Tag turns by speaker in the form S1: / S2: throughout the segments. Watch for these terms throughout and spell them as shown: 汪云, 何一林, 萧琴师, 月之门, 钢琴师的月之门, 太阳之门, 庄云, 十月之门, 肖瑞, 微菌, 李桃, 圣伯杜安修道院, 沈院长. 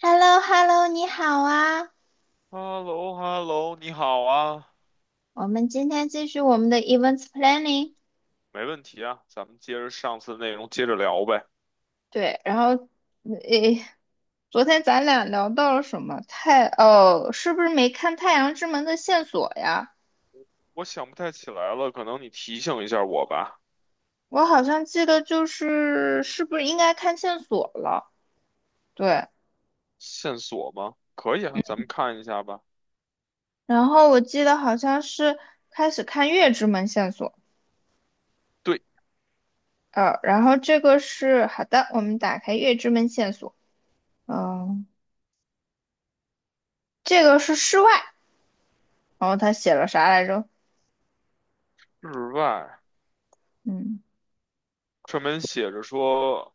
S1: h e l l o h e l l o 你好啊！
S2: h e l l o h e l l o 你好啊，
S1: 我们今天继续我们的 events planning。
S2: 没问题啊，咱们接着上次的内容接着聊呗。
S1: 对，然后，诶，昨天咱俩聊到了什么？太，哦，是不是没看《太阳之门》的线索呀？
S2: 我想不太起来了，可能你提醒一下我吧。
S1: 我好像记得就是，是不是应该看线索了？对，
S2: 线索吗？可以啊，咱们看一下吧。
S1: 然后我记得好像是开始看月之门线索，
S2: 对，
S1: 然后这个是，好的，我们打开月之门线索，嗯、这个是室外，然后他写了啥来着？
S2: 日外
S1: 嗯
S2: 上面写着说，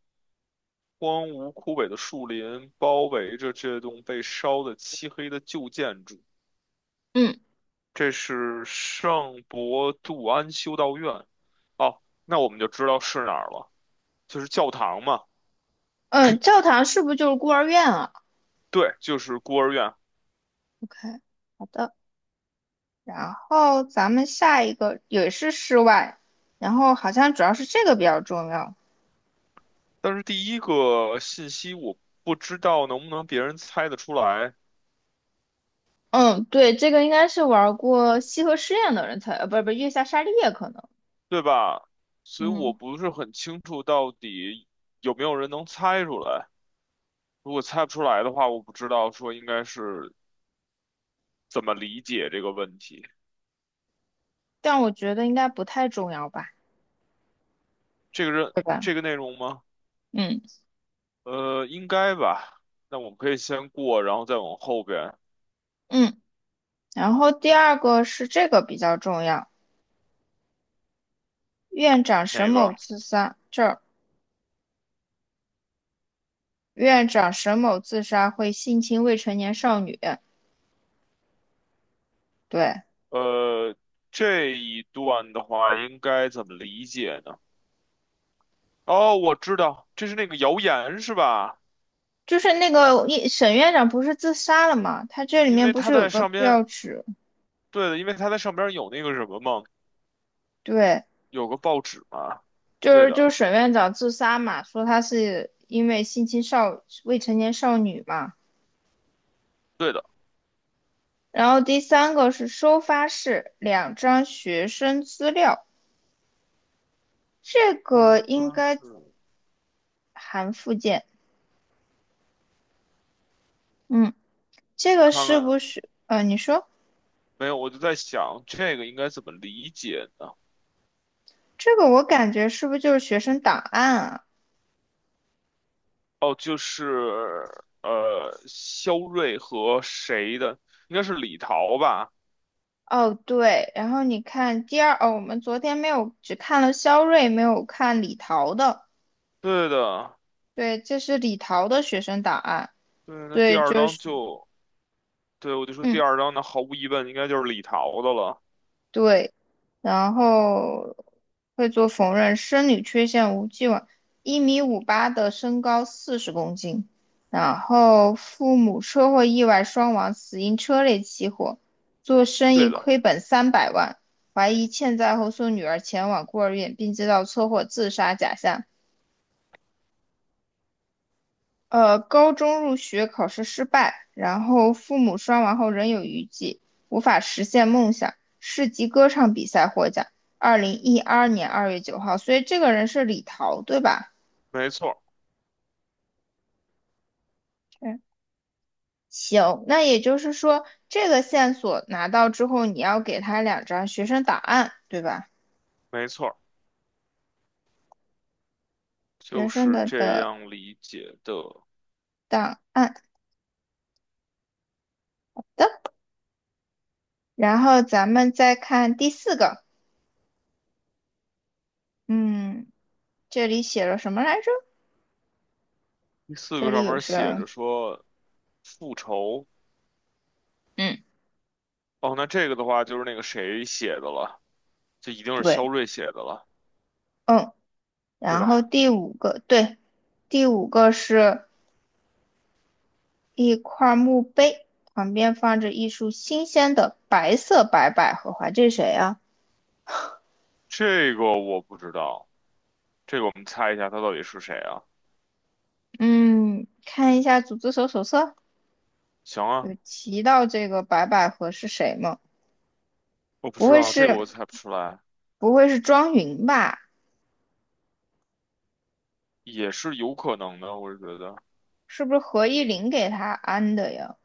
S2: 荒芜枯萎的树林包围着这栋被烧得漆黑的旧建筑，
S1: 嗯。
S2: 这是圣伯杜安修道院。哦，那我们就知道是哪儿了，就是教堂嘛。
S1: 嗯，教堂是不是就是孤儿院啊
S2: 对，就是孤儿院。
S1: ？OK，好的。然后咱们下一个也是室外，然后好像主要是这个比
S2: 嗯。
S1: 较重要。
S2: 但是第一个信息我不知道能不能别人猜得出来，
S1: 嗯，对，这个应该是玩过西河试验的人才，不是月下沙利叶可能，
S2: 对吧？所以我
S1: 嗯，
S2: 不是很清楚到底有没有人能猜出来。如果猜不出来的话，我不知道说应该是怎么理解这个问题。
S1: 但我觉得应该不太重要吧，
S2: 这个人
S1: 对吧？
S2: 这个内容吗？
S1: 嗯
S2: 应该吧。那我们可以先过，然后再往后边
S1: 嗯。然后第二个是这个比较重要，院长沈
S2: 哪
S1: 某
S2: 个。
S1: 自杀，这儿院长沈某自杀会性侵未成年少女，对。
S2: 呃，这一段的话应该怎么理解呢？哦，我知道，这是那个谣言是吧？
S1: 就是那个一沈院长不是自杀了嘛？他这里
S2: 因
S1: 面
S2: 为
S1: 不
S2: 他
S1: 是有
S2: 在
S1: 个
S2: 上边，
S1: 标志？
S2: 对的，因为他在上边有那个什么嘛，
S1: 对，
S2: 有个报纸嘛，
S1: 就
S2: 对
S1: 是就
S2: 的，
S1: 是沈院长自杀嘛，说他是因为性侵少未成年少女嘛。
S2: 对的。
S1: 然后第三个是收发室两张学生资料，这
S2: 哦，
S1: 个应
S2: 那
S1: 该
S2: 是
S1: 含附件。嗯，这
S2: 我
S1: 个
S2: 看
S1: 是
S2: 看，
S1: 不是？你说
S2: 没有，我就在想这个应该怎么理解呢？
S1: 这个我感觉是不是就是学生档案啊？
S2: 哦，就是肖瑞和谁的？应该是李桃吧？
S1: 哦，对，然后你看第二，哦，我们昨天没有，只看了肖瑞，没有看李桃的。
S2: 对的，
S1: 对，这是李桃的学生档案。
S2: 对，那第
S1: 对，
S2: 二
S1: 就
S2: 章
S1: 是，
S2: 就，对，我就说第
S1: 嗯，
S2: 二章那毫无疑问应该就是李桃的了。
S1: 对，然后会做缝纫，生理缺陷无既往，1.58的身高，40公斤。然后父母车祸意外双亡，死因车内起火，做生意
S2: 对的，
S1: 亏本300万，怀疑欠债后送女儿前往孤儿院，并制造车祸自杀假象。高中入学考试失败，然后父母双亡后仍有余悸，无法实现梦想。市级歌唱比赛获奖，2012年2月9号。所以这个人是李桃，对吧？
S2: 没错，
S1: 嗯，行，那也就是说，这个线索拿到之后，你要给他两张学生档案，对吧？
S2: 没错，
S1: 学
S2: 就
S1: 生
S2: 是
S1: 的
S2: 这
S1: 的
S2: 样理解的。
S1: 档案的。然后咱们再看第四个，嗯，这里写了什么来着？
S2: 第四
S1: 这
S2: 个
S1: 里
S2: 上
S1: 有
S2: 面写
S1: 什
S2: 着说复仇，
S1: 嗯，
S2: 哦，那这个的话就是那个谁写的了，这一定是
S1: 对。
S2: 肖瑞写的了，
S1: 嗯。
S2: 对
S1: 然后
S2: 吧？
S1: 第五个，对，第五个是一块墓碑，旁边放着一束新鲜的白百合花。这是谁啊？
S2: 这个我不知道，这个我们猜一下他到底是谁啊？
S1: 嗯，看一下组织手册，
S2: 行啊，
S1: 有提到这个白百合是谁吗？
S2: 我不
S1: 不
S2: 知
S1: 会
S2: 道，这个我
S1: 是
S2: 猜不出来，
S1: 不会是庄云吧？
S2: 也是有可能的，我是觉得
S1: 是不是何一林给他安的呀？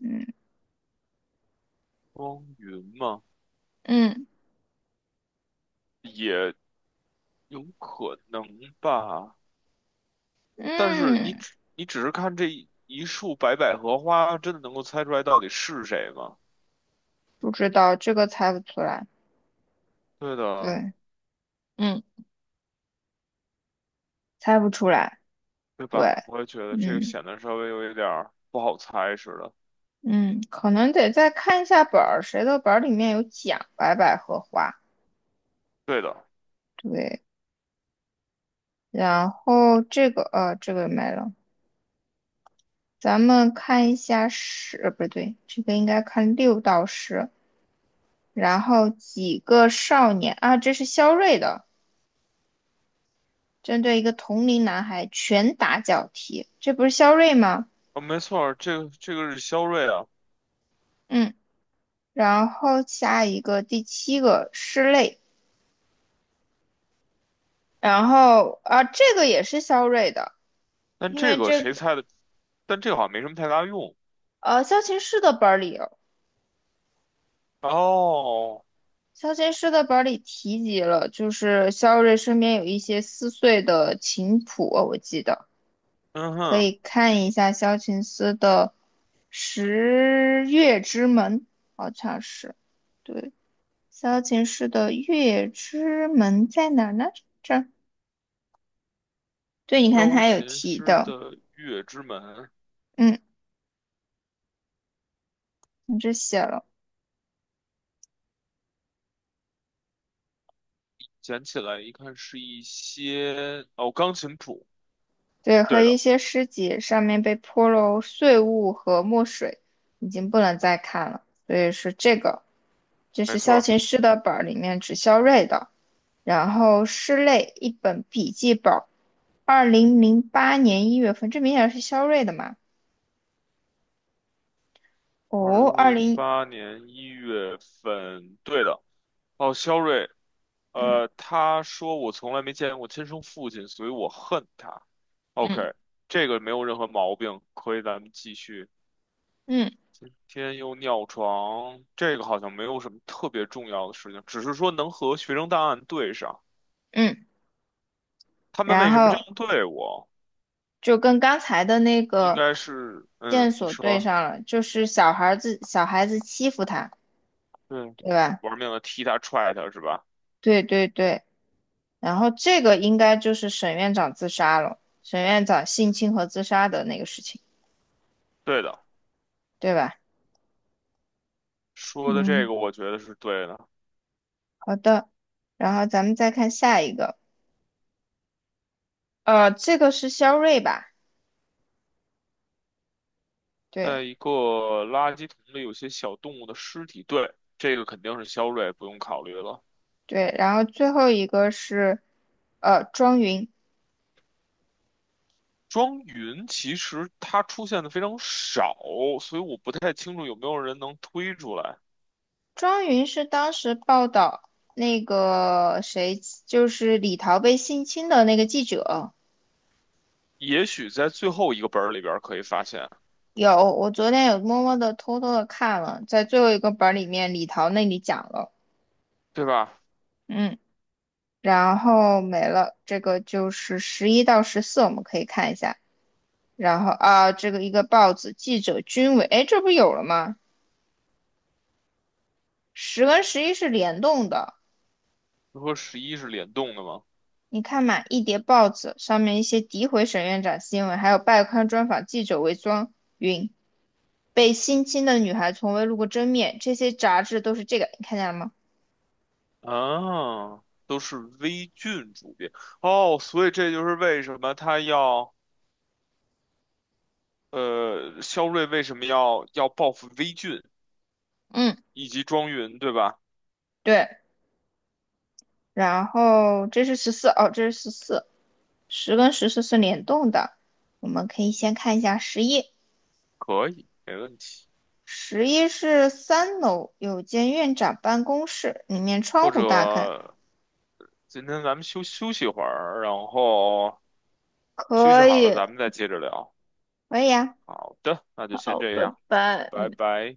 S1: 嗯
S2: 汪云嘛，
S1: 嗯
S2: 也有可能吧。但是你
S1: 嗯，
S2: 只你只是看这一束白百合花，真的能够猜出来到底是谁吗？
S1: 不知道，这个猜不出来。
S2: 对的。
S1: 对，嗯，猜不出来。
S2: 对
S1: 对，
S2: 吧？我也觉得这个
S1: 嗯。
S2: 显得稍微有一点儿不好猜似的。
S1: 嗯，可能得再看一下本儿，谁的本儿里面有讲白百合花，
S2: 对的，
S1: 对，然后这个没了，咱们看一下十，不对，这个应该看六到十，然后几个少年啊，这是肖瑞的，针对一个同龄男孩拳打脚踢，这不是肖瑞吗？
S2: 哦，没错儿，这个是肖瑞啊，
S1: 嗯，然后下一个第七个室内，然后啊这个也是肖瑞的。
S2: 但
S1: 因
S2: 这
S1: 为
S2: 个
S1: 这
S2: 谁
S1: 个
S2: 猜的？但这个好像没什么太大用。
S1: 萧琴师的本儿里
S2: 哦，
S1: 肖琴诗的本里提及了，就是萧瑞身边有一些撕碎的琴谱，我记得
S2: 嗯
S1: 可
S2: 哼，
S1: 以看一下萧琴斯的《十月之门》，好像是对萧琴师的《月之门》在哪儿呢？这儿，对，你看
S2: 钢
S1: 他有
S2: 琴
S1: 提
S2: 师
S1: 的，
S2: 的月之门，
S1: 嗯，你这写了，
S2: 捡起来一看是一些哦，钢琴谱。
S1: 对，和
S2: 对的，
S1: 一些诗集上面被泼了碎物和墨水，已经不能再看了，所以是这个。就
S2: 没
S1: 是
S2: 错
S1: 萧
S2: 儿，
S1: 琴师的本儿里面只萧锐的，然后师类一本笔记本儿，2008年1月份，这明显是萧锐的嘛？
S2: 二
S1: 哦，
S2: 零
S1: 二
S2: 零
S1: 零，
S2: 八年一月份，对的。哦，肖瑞，
S1: 嗯
S2: 他说我从来没见过亲生父亲，所以我恨他。
S1: 嗯
S2: OK，这个没有任何毛病，可以咱们继续。
S1: 嗯
S2: 天佑尿床，这个好像没有什么特别重要的事情，只是说能和学生档案对上。
S1: 嗯，
S2: 他们
S1: 然
S2: 为什么这
S1: 后
S2: 样对我？
S1: 就跟刚才的那
S2: 应
S1: 个
S2: 该是，
S1: 线
S2: 嗯，你
S1: 索对
S2: 说，
S1: 上了，就是小孩子欺负他，
S2: 对，
S1: 对吧？
S2: 玩命的踢他踹他是吧？
S1: 对对对，然后这个应该就是沈院长自杀了，沈院长性侵和自杀的那个事情，
S2: 对的，
S1: 对吧？
S2: 说的这
S1: 嗯。
S2: 个我觉得是对的。
S1: 好的，然后咱们再看下一个，这个是肖瑞吧？
S2: 在
S1: 对
S2: 一个垃圾桶里有些小动物的尸体，对，这个肯定是肖瑞，不用考虑了。
S1: 对，然后最后一个是，庄云，
S2: 庄云其实它出现的非常少，所以我不太清楚有没有人能推出来。
S1: 庄云是当时报道那个谁，就是李桃被性侵的那个记者。
S2: 也许在最后一个本儿里边儿可以发现，
S1: 有，我昨天有默默的偷偷的看了，在最后一个本儿里面，李桃那里讲了，
S2: 对吧？
S1: 嗯，然后没了，这个就是十一到十四，我们可以看一下。然后啊，这个一个报纸记者军委，哎，这不有了吗？十跟十一是联动的，
S2: 就和11是联动的吗？
S1: 你看嘛，一叠报纸上面一些诋毁沈院长新闻，还有拜刊专访记者为装云被性侵的女孩从未露过真面，这些杂志都是这个，你看见了吗？
S2: 啊，都是微菌主变哦，所以这就是为什么他要肖瑞为什么要报复微菌
S1: 嗯，
S2: 以及庄云，对吧？
S1: 对。然后这是十四，哦，这是十四，十跟十四是联动的，我们可以先看一下十一。
S2: 可以，没问题。
S1: 十一是三楼有间院长办公室，里面窗
S2: 或
S1: 户大开，
S2: 者今天咱们休息会儿，然后休息
S1: 可
S2: 好了
S1: 以，
S2: 咱们再接着聊。
S1: 可以啊，
S2: 好的，那就先
S1: 好，
S2: 这
S1: 拜
S2: 样，
S1: 拜，
S2: 拜
S1: 嗯。
S2: 拜。